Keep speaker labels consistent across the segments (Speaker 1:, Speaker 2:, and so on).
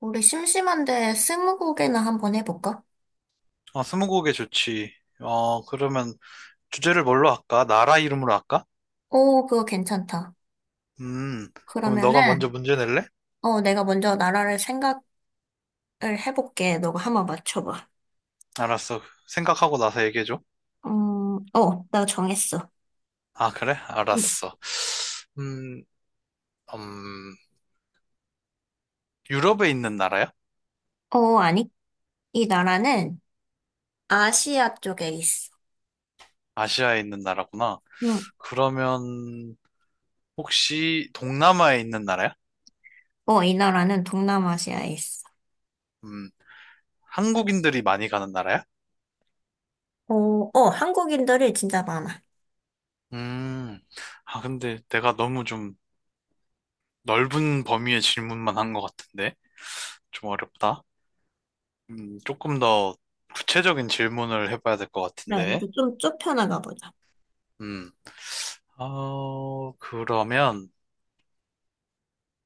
Speaker 1: 우리 심심한데 스무고개나 한번 해볼까?
Speaker 2: 아, 스무고개 좋지. 그러면 주제를 뭘로 할까? 나라 이름으로 할까?
Speaker 1: 오, 그거 괜찮다.
Speaker 2: 음, 그러면 너가 먼저
Speaker 1: 그러면은,
Speaker 2: 문제 낼래?
Speaker 1: 내가 먼저 나라를 생각을 해볼게. 너가 한번 맞춰봐.
Speaker 2: 알았어. 생각하고 나서 얘기해줘.
Speaker 1: 음, 나 정했어.
Speaker 2: 아, 그래?
Speaker 1: 음,
Speaker 2: 알았어. 음, 음, 유럽에 있는 나라야?
Speaker 1: 아니. 이 나라는 아시아 쪽에 있어.
Speaker 2: 아시아에 있는 나라구나.
Speaker 1: 응.
Speaker 2: 그러면 혹시 동남아에 있는 나라야?
Speaker 1: 어, 이 나라는 동남아시아에 있어.
Speaker 2: 음, 한국인들이 많이 가는 나라야?
Speaker 1: 어, 한국인들이 진짜 많아.
Speaker 2: 음, 아, 근데 내가 너무 좀 넓은 범위의 질문만 한 것 같은데? 좀 어렵다. 조금 더 구체적인 질문을 해봐야 될 것
Speaker 1: 네, 이제
Speaker 2: 같은데.
Speaker 1: 좀 좁혀나가 보자.
Speaker 2: 음, 그러면,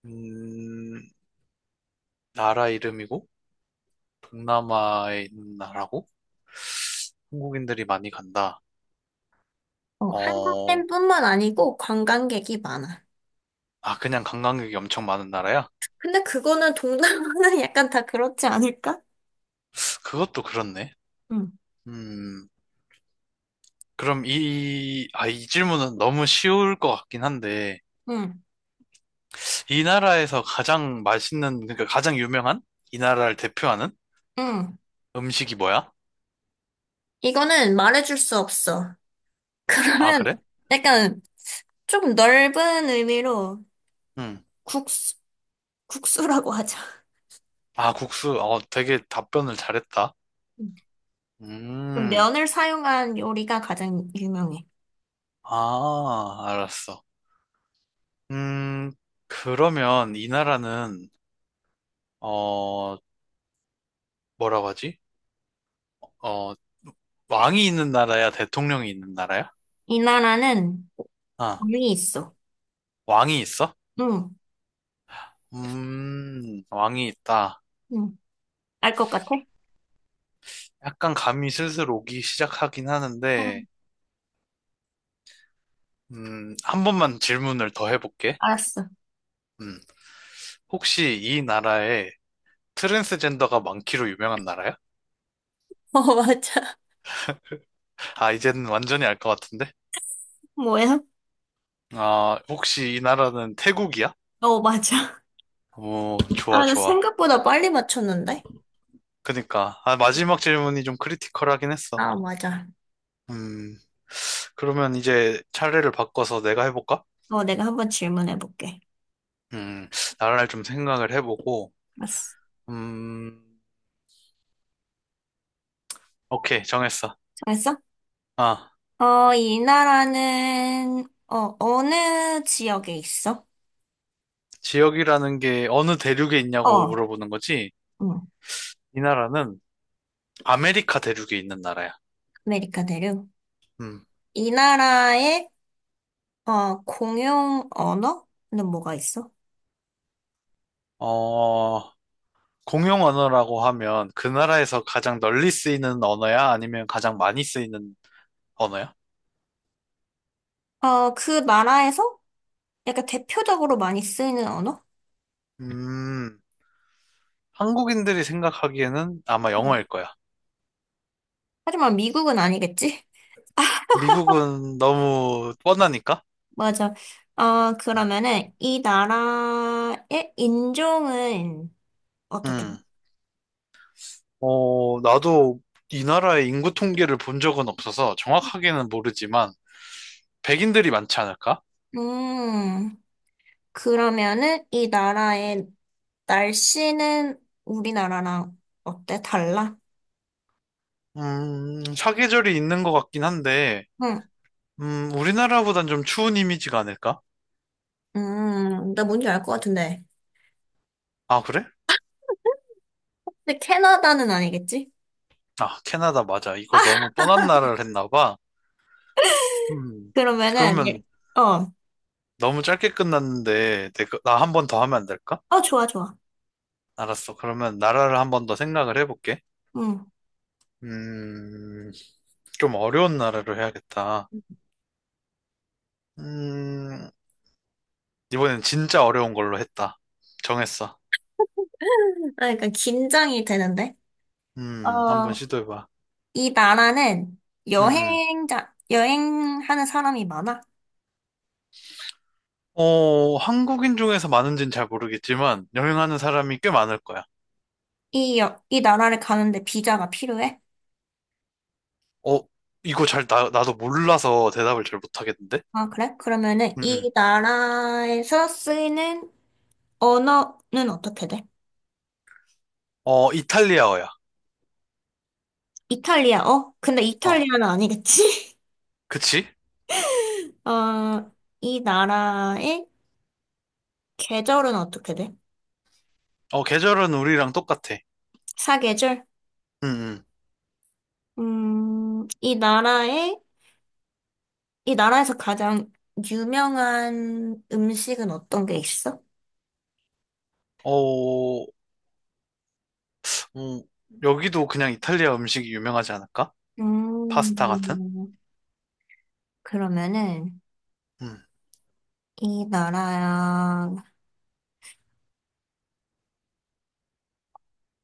Speaker 2: 음, 나라 이름이고, 동남아에 있는 나라고, 한국인들이 많이 간다.
Speaker 1: 어,
Speaker 2: 어,
Speaker 1: 한국인뿐만 아니고 관광객이 많아.
Speaker 2: 아, 그냥 관광객이 엄청 많은 나라야?
Speaker 1: 근데 그거는 동남아는 약간 다 그렇지 않을까?
Speaker 2: 그것도 그렇네.
Speaker 1: 응.
Speaker 2: 음, 그럼 이 질문은 너무 쉬울 것 같긴 한데,
Speaker 1: 응,
Speaker 2: 이 나라에서 가장 맛있는, 그러니까 가장 유명한? 이 나라를 대표하는
Speaker 1: 응.
Speaker 2: 음식이 뭐야?
Speaker 1: 이거는 말해줄 수 없어.
Speaker 2: 아,
Speaker 1: 그러면
Speaker 2: 그래?
Speaker 1: 약간 조금 넓은 의미로
Speaker 2: 음.
Speaker 1: 국수, 국수라고 하자.
Speaker 2: 아, 국수. 어, 되게 답변을 잘했다.
Speaker 1: 음.
Speaker 2: 음,
Speaker 1: 면을 사용한 요리가 가장 유명해.
Speaker 2: 아, 알았어. 음, 그러면 이 나라는, 어, 뭐라고 하지? 어, 왕이 있는 나라야? 대통령이 있는 나라야?
Speaker 1: 이 나라는
Speaker 2: 아,
Speaker 1: 면이 있어.
Speaker 2: 왕이 있어?
Speaker 1: 응,
Speaker 2: 왕이 있다.
Speaker 1: 응. 알 것 같아?
Speaker 2: 약간 감이 슬슬 오기 시작하긴 하는데,
Speaker 1: 응.
Speaker 2: 한 번만 질문을 더 해볼게.
Speaker 1: 알았어.
Speaker 2: 음, 혹시 이 나라에 트랜스젠더가 많기로 유명한 나라야?
Speaker 1: 어, 맞아.
Speaker 2: 아, 이제는 완전히 알 것 같은데?
Speaker 1: 뭐야?
Speaker 2: 아, 혹시 이 나라는 태국이야?
Speaker 1: 어, 맞아.
Speaker 2: 오,
Speaker 1: 아,
Speaker 2: 좋아,
Speaker 1: 나
Speaker 2: 좋아.
Speaker 1: 생각보다 빨리 맞췄는데?
Speaker 2: 그니까. 아, 마지막 질문이 좀 크리티컬하긴 했어.
Speaker 1: 아, 맞아.
Speaker 2: 음, 그러면 이제 차례를 바꿔서 내가 해볼까?
Speaker 1: 어, 내가 한번 질문해볼게.
Speaker 2: 음, 나라를 좀 생각을 해보고,
Speaker 1: 알았어.
Speaker 2: 음, 오케이, 정했어.
Speaker 1: 잘했어?
Speaker 2: 아,
Speaker 1: 이 나라는, 어느 지역에 있어?
Speaker 2: 지역이라는 게 어느 대륙에 있냐고
Speaker 1: 어,
Speaker 2: 물어보는 거지?
Speaker 1: 응,
Speaker 2: 이 나라는 아메리카 대륙에 있는 나라야.
Speaker 1: 아메리카 대륙.
Speaker 2: 음,
Speaker 1: 이 나라의, 공용 언어는 뭐가 있어?
Speaker 2: 어, 공용 언어라고 하면 그 나라에서 가장 널리 쓰이는 언어야? 아니면 가장 많이 쓰이는 언어야?
Speaker 1: 어, 그 나라에서 약간 대표적으로 많이 쓰이는 언어?
Speaker 2: 음, 한국인들이 생각하기에는 아마
Speaker 1: 음.
Speaker 2: 영어일 거야.
Speaker 1: 하지만 미국은 아니겠지?
Speaker 2: 미국은 너무 뻔하니까.
Speaker 1: 맞아. 그러면은, 이 나라의 인종은 어떻게?
Speaker 2: 음, 나도 이 나라의 인구 통계를 본 적은 없어서 정확하게는 모르지만 백인들이 많지 않을까?
Speaker 1: 음, 그러면은 이 나라의 날씨는 우리나라랑 어때? 달라?
Speaker 2: 사계절이 있는 것 같긴 한데,
Speaker 1: 응.
Speaker 2: 우리나라보단 좀 추운 이미지가 아닐까?
Speaker 1: 나 뭔지 알 것 같은데.
Speaker 2: 아, 그래?
Speaker 1: 근데 캐나다는 아니겠지?
Speaker 2: 아, 캐나다 맞아. 이거 너무 뻔한 나라를 했나 봐. 음,
Speaker 1: 그러면은 예.
Speaker 2: 그러면
Speaker 1: 어.
Speaker 2: 너무 짧게 끝났는데, 나 한 번 더 하면 안 될까?
Speaker 1: 어, 좋아, 좋아.
Speaker 2: 알았어. 그러면 나라를 한 번 더 생각을 해볼게.
Speaker 1: 응.
Speaker 2: 음, 좀 어려운 나라로 해야겠다. 음, 이번엔 진짜 어려운 걸로 했다. 정했어.
Speaker 1: 아, 그러니까 긴장이 되는데.
Speaker 2: 한번
Speaker 1: 어,
Speaker 2: 시도해봐.
Speaker 1: 이 나라는
Speaker 2: 음, 음.
Speaker 1: 여행자 여행하는 사람이 많아?
Speaker 2: 한국인 중에서 많은지는 잘 모르겠지만, 여행하는 사람이 꽤 많을 거야.
Speaker 1: 이, 이 나라를 가는데 비자가 필요해?
Speaker 2: 어, 이거 나도 몰라서 대답을 잘 못하겠는데?
Speaker 1: 아, 그래? 그러면은
Speaker 2: 음,
Speaker 1: 이
Speaker 2: 음.
Speaker 1: 나라에서 쓰이는 언어는 어떻게 돼?
Speaker 2: 어, 이탈리아어야.
Speaker 1: 이탈리아, 어? 근데
Speaker 2: 어,
Speaker 1: 이탈리아는 아니겠지?
Speaker 2: 그치?
Speaker 1: 어, 이 나라의 계절은 어떻게 돼?
Speaker 2: 어, 계절은 우리랑 똑같아.
Speaker 1: 사계절?
Speaker 2: 음, 음.
Speaker 1: 이 나라의, 이 나라에서 가장 유명한 음식은 어떤 게 있어?
Speaker 2: 어, 음, 여기도 그냥 이탈리아 음식이 유명하지 않을까? 파스타 같은?
Speaker 1: 음, 그러면은,
Speaker 2: 음,
Speaker 1: 이 나라야,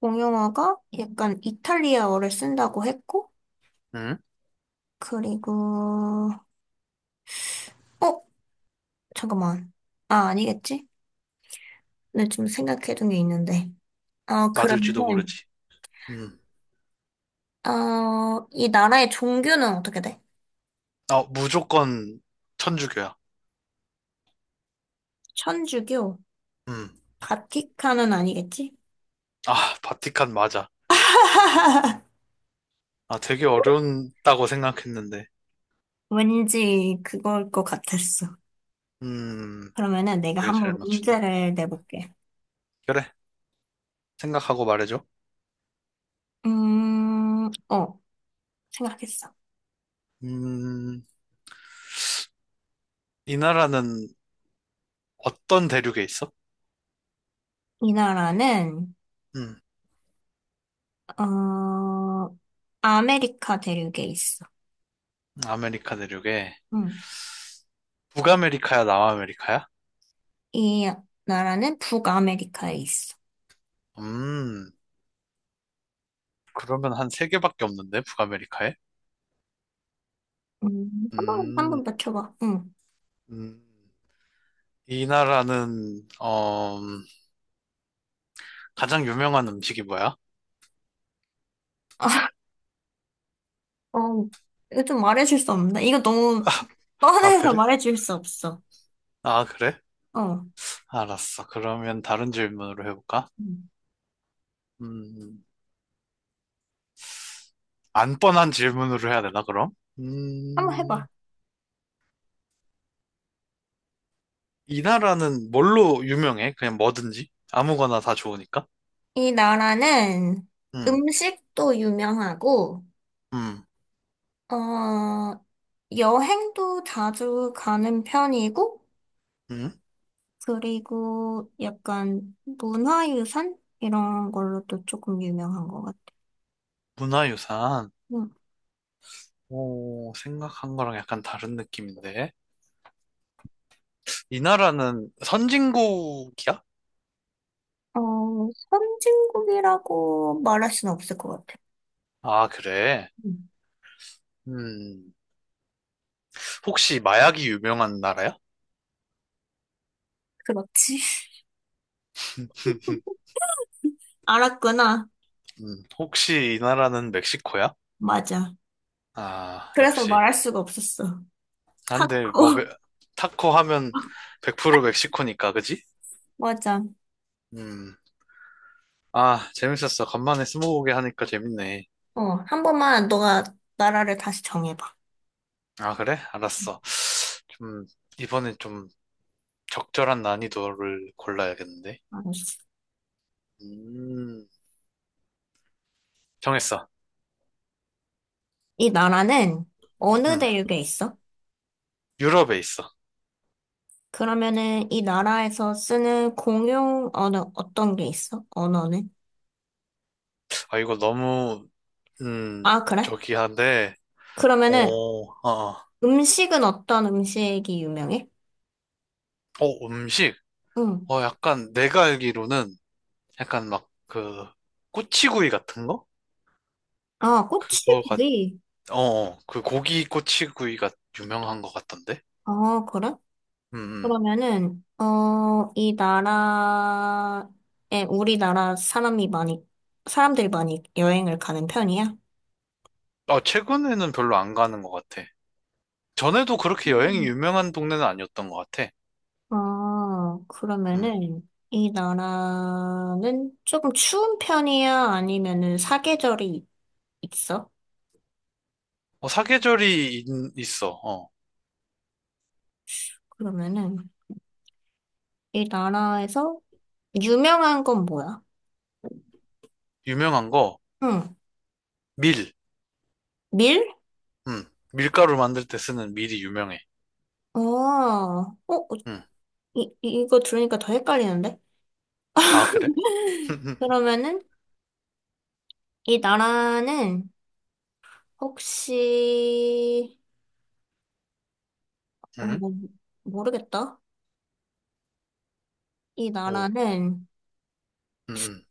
Speaker 1: 공용어가 약간 이탈리아어를 쓴다고 했고,
Speaker 2: 음,
Speaker 1: 그리고, 어? 잠깐만. 아, 아니겠지? 내가 지금 생각해둔 게 있는데. 어,
Speaker 2: 맞을지도
Speaker 1: 그러면은,
Speaker 2: 모르지. 음,
Speaker 1: 이 나라의 종교는 어떻게 돼?
Speaker 2: 아, 무조건 천주교야.
Speaker 1: 천주교?
Speaker 2: 음,
Speaker 1: 바티칸은 아니겠지?
Speaker 2: 아, 바티칸 맞아. 아, 되게 어려운다고 생각했는데.
Speaker 1: 왠지 그걸 것 같았어.
Speaker 2: 음,
Speaker 1: 그러면은 내가
Speaker 2: 되게 잘
Speaker 1: 한번
Speaker 2: 맞추네.
Speaker 1: 문제를 내볼게.
Speaker 2: 그래, 생각하고 말해줘.
Speaker 1: 음, 어, 생각했어.
Speaker 2: 음, 이 나라는 어떤 대륙에 있어?
Speaker 1: 이 나라는,
Speaker 2: 음,
Speaker 1: 어, 아메리카 대륙에 있어.
Speaker 2: 아메리카 대륙에.
Speaker 1: 응.
Speaker 2: 북아메리카야, 남아메리카야?
Speaker 1: 이 나라는 북아메리카에 있어.
Speaker 2: 음, 그러면 한 세 개밖에 없는데, 북아메리카에? 음,
Speaker 1: 한번 맞춰봐. 응.
Speaker 2: 음. 이 나라는 가장 유명한 음식이 뭐야?
Speaker 1: 어, 이거 좀 말해줄 수 없나? 이거 너무
Speaker 2: 아,
Speaker 1: 뻔해서
Speaker 2: 그래?
Speaker 1: 말해줄 수 없어.
Speaker 2: 아, 그래?
Speaker 1: 어,
Speaker 2: 알았어. 그러면 다른 질문으로 해볼까?
Speaker 1: 음.
Speaker 2: 음, 안 뻔한 질문으로 해야 되나 그럼?
Speaker 1: 한번
Speaker 2: 음,
Speaker 1: 해봐.
Speaker 2: 이 나라는 뭘로 유명해? 그냥 뭐든지 아무거나 다 좋으니까.
Speaker 1: 이 나라는
Speaker 2: 음,
Speaker 1: 음식도 유명하고,
Speaker 2: 음,
Speaker 1: 어, 여행도 자주 가는 편이고,
Speaker 2: 음.
Speaker 1: 그리고 약간 문화유산? 이런 걸로도 조금 유명한 것 같아.
Speaker 2: 문화유산.
Speaker 1: 음.
Speaker 2: 오, 생각한 거랑 약간 다른 느낌인데. 이 나라는 선진국이야?
Speaker 1: 어, 선진국이라고 말할 수는 없을 것 같아.
Speaker 2: 아, 그래.
Speaker 1: 음,
Speaker 2: 음, 혹시 마약이 유명한 나라야?
Speaker 1: 그렇지. 알았구나.
Speaker 2: 혹시 이 나라는 멕시코야?
Speaker 1: 맞아.
Speaker 2: 아,
Speaker 1: 그래서
Speaker 2: 역시.
Speaker 1: 말할 수가 없었어.
Speaker 2: 아, 근데 뭐 메-
Speaker 1: 타코.
Speaker 2: 타코 하면 100% 멕시코니까, 그지?
Speaker 1: 맞아.
Speaker 2: 음. 아, 재밌었어. 간만에 스무고개 하니까 재밌네.
Speaker 1: 어, 한 번만 너가 나라를 다시 정해봐.
Speaker 2: 아, 그래? 알았어. 좀 이번엔 좀 적절한 난이도를 골라야겠는데.
Speaker 1: 알았어.
Speaker 2: 음. 정했어.
Speaker 1: 이 나라는 어느
Speaker 2: 음.
Speaker 1: 대륙에 있어?
Speaker 2: 유럽에 있어.
Speaker 1: 그러면은 이 나라에서 쓰는 공용 언어 어떤 게 있어? 언어는?
Speaker 2: 아, 이거 너무 음,
Speaker 1: 아, 그래?
Speaker 2: 저기 한데. 어,
Speaker 1: 그러면은
Speaker 2: 어.
Speaker 1: 음식은 어떤 음식이 유명해?
Speaker 2: 음식.
Speaker 1: 응.
Speaker 2: 약간 내가 알기로는 약간 막 그 꼬치구이 같은 거?
Speaker 1: 아,
Speaker 2: 그거가
Speaker 1: 꼬치구이.
Speaker 2: 그 고기 꼬치구이가 유명한 것 같던데?
Speaker 1: 아, 그래?
Speaker 2: 음, 음.
Speaker 1: 그러면은, 이 나라에 우리나라 사람이 많이, 사람들이 많이 여행을 가는 편이야?
Speaker 2: 아, 최근에는 별로 안 가는 것 같아. 전에도 그렇게 여행이
Speaker 1: 음.
Speaker 2: 유명한 동네는 아니었던 것 같아.
Speaker 1: 아,
Speaker 2: 음.
Speaker 1: 그러면은, 이 나라는 조금 추운 편이야? 아니면은 사계절이 있어?
Speaker 2: 어, 사계절이 있어. 어.
Speaker 1: 그러면은, 이 나라에서 유명한 건 뭐야?
Speaker 2: 유명한 거
Speaker 1: 응,
Speaker 2: 밀.
Speaker 1: 밀?
Speaker 2: 음. 밀가루 만들 때 쓰는 밀이 유명해.
Speaker 1: 어, 어,
Speaker 2: 음.
Speaker 1: 이, 이거 들으니까 더 헷갈리는데?
Speaker 2: 아, 그래?
Speaker 1: 그러면은, 이 나라는 혹시, 어,
Speaker 2: 음.
Speaker 1: 나 모르겠다. 이
Speaker 2: 오.
Speaker 1: 나라는
Speaker 2: 음, 음.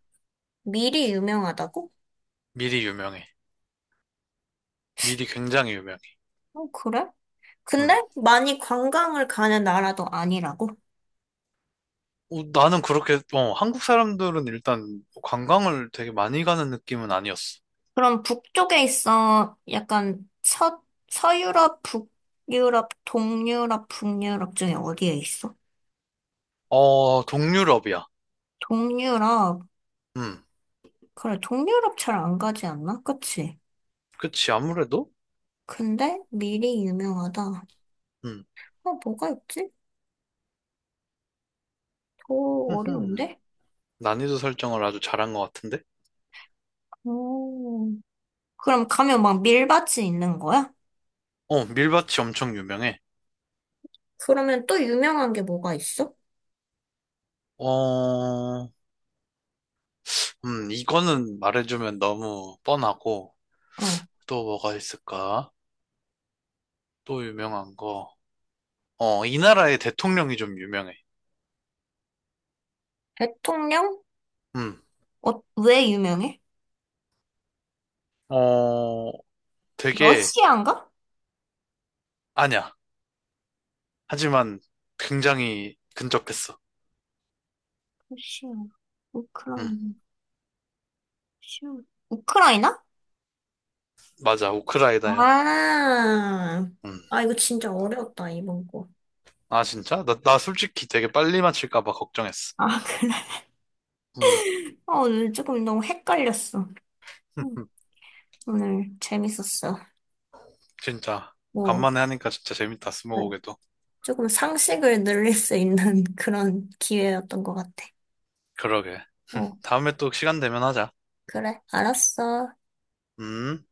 Speaker 1: 미리 유명하다고?
Speaker 2: 밀이 유명해. 밀이 굉장히 유명해.
Speaker 1: 어, 그래? 근데
Speaker 2: 음.
Speaker 1: 많이 관광을 가는 나라도 아니라고?
Speaker 2: 나는 그렇게, 한국 사람들은 일단 관광을 되게 많이 가는 느낌은 아니었어.
Speaker 1: 그럼 북쪽에 있어. 약간 서유럽, 북유럽, 동유럽, 북유럽 중에 어디에 있어?
Speaker 2: 어, 동유럽이야.
Speaker 1: 동유럽.
Speaker 2: 음,
Speaker 1: 그래, 동유럽 잘 안 가지 않나? 그치?
Speaker 2: 그치, 아무래도?
Speaker 1: 근데 미리 유명하다.
Speaker 2: 음,
Speaker 1: 어, 뭐가 있지? 더
Speaker 2: 흠흠.
Speaker 1: 어려운데?
Speaker 2: 난이도 설정을 아주 잘한 것 같은데?
Speaker 1: 오. 그럼 가면 막 밀밭이 있는 거야?
Speaker 2: 어, 밀밭이 엄청 유명해.
Speaker 1: 그러면 또 유명한 게 뭐가 있어?
Speaker 2: 어, 이거는 말해주면 너무 뻔하고,
Speaker 1: 어.
Speaker 2: 또 뭐가 있을까? 또 유명한 거. 어, 이 나라의 대통령이 좀 유명해.
Speaker 1: 대통령?
Speaker 2: 음,
Speaker 1: 어, 왜 유명해?
Speaker 2: 어, 되게,
Speaker 1: 러시아인가?
Speaker 2: 아니야. 하지만 굉장히 근접했어.
Speaker 1: 러시아,
Speaker 2: 음.
Speaker 1: 우크라이나, 러시아. 우크라이나?
Speaker 2: 맞아, 우크라이나야.
Speaker 1: 아,
Speaker 2: 음.
Speaker 1: 아, 이거 진짜 어려웠다, 이번 거.
Speaker 2: 아, 진짜? 나 솔직히 되게 빨리 맞힐까 봐 걱정했어.
Speaker 1: 아, 그래.
Speaker 2: 음.
Speaker 1: 어, 오늘 조금 너무 헷갈렸어. 음, 오늘 재밌었어.
Speaker 2: 진짜.
Speaker 1: 뭐,
Speaker 2: 간만에 하니까 진짜 재밌다,
Speaker 1: 네.
Speaker 2: 스무고개도.
Speaker 1: 조금 상식을 늘릴 수 있는 그런 기회였던 것 같아.
Speaker 2: 그러게.
Speaker 1: 어,
Speaker 2: 다음에 또 시간 되면 하자.
Speaker 1: 그래, 알았어.
Speaker 2: 음.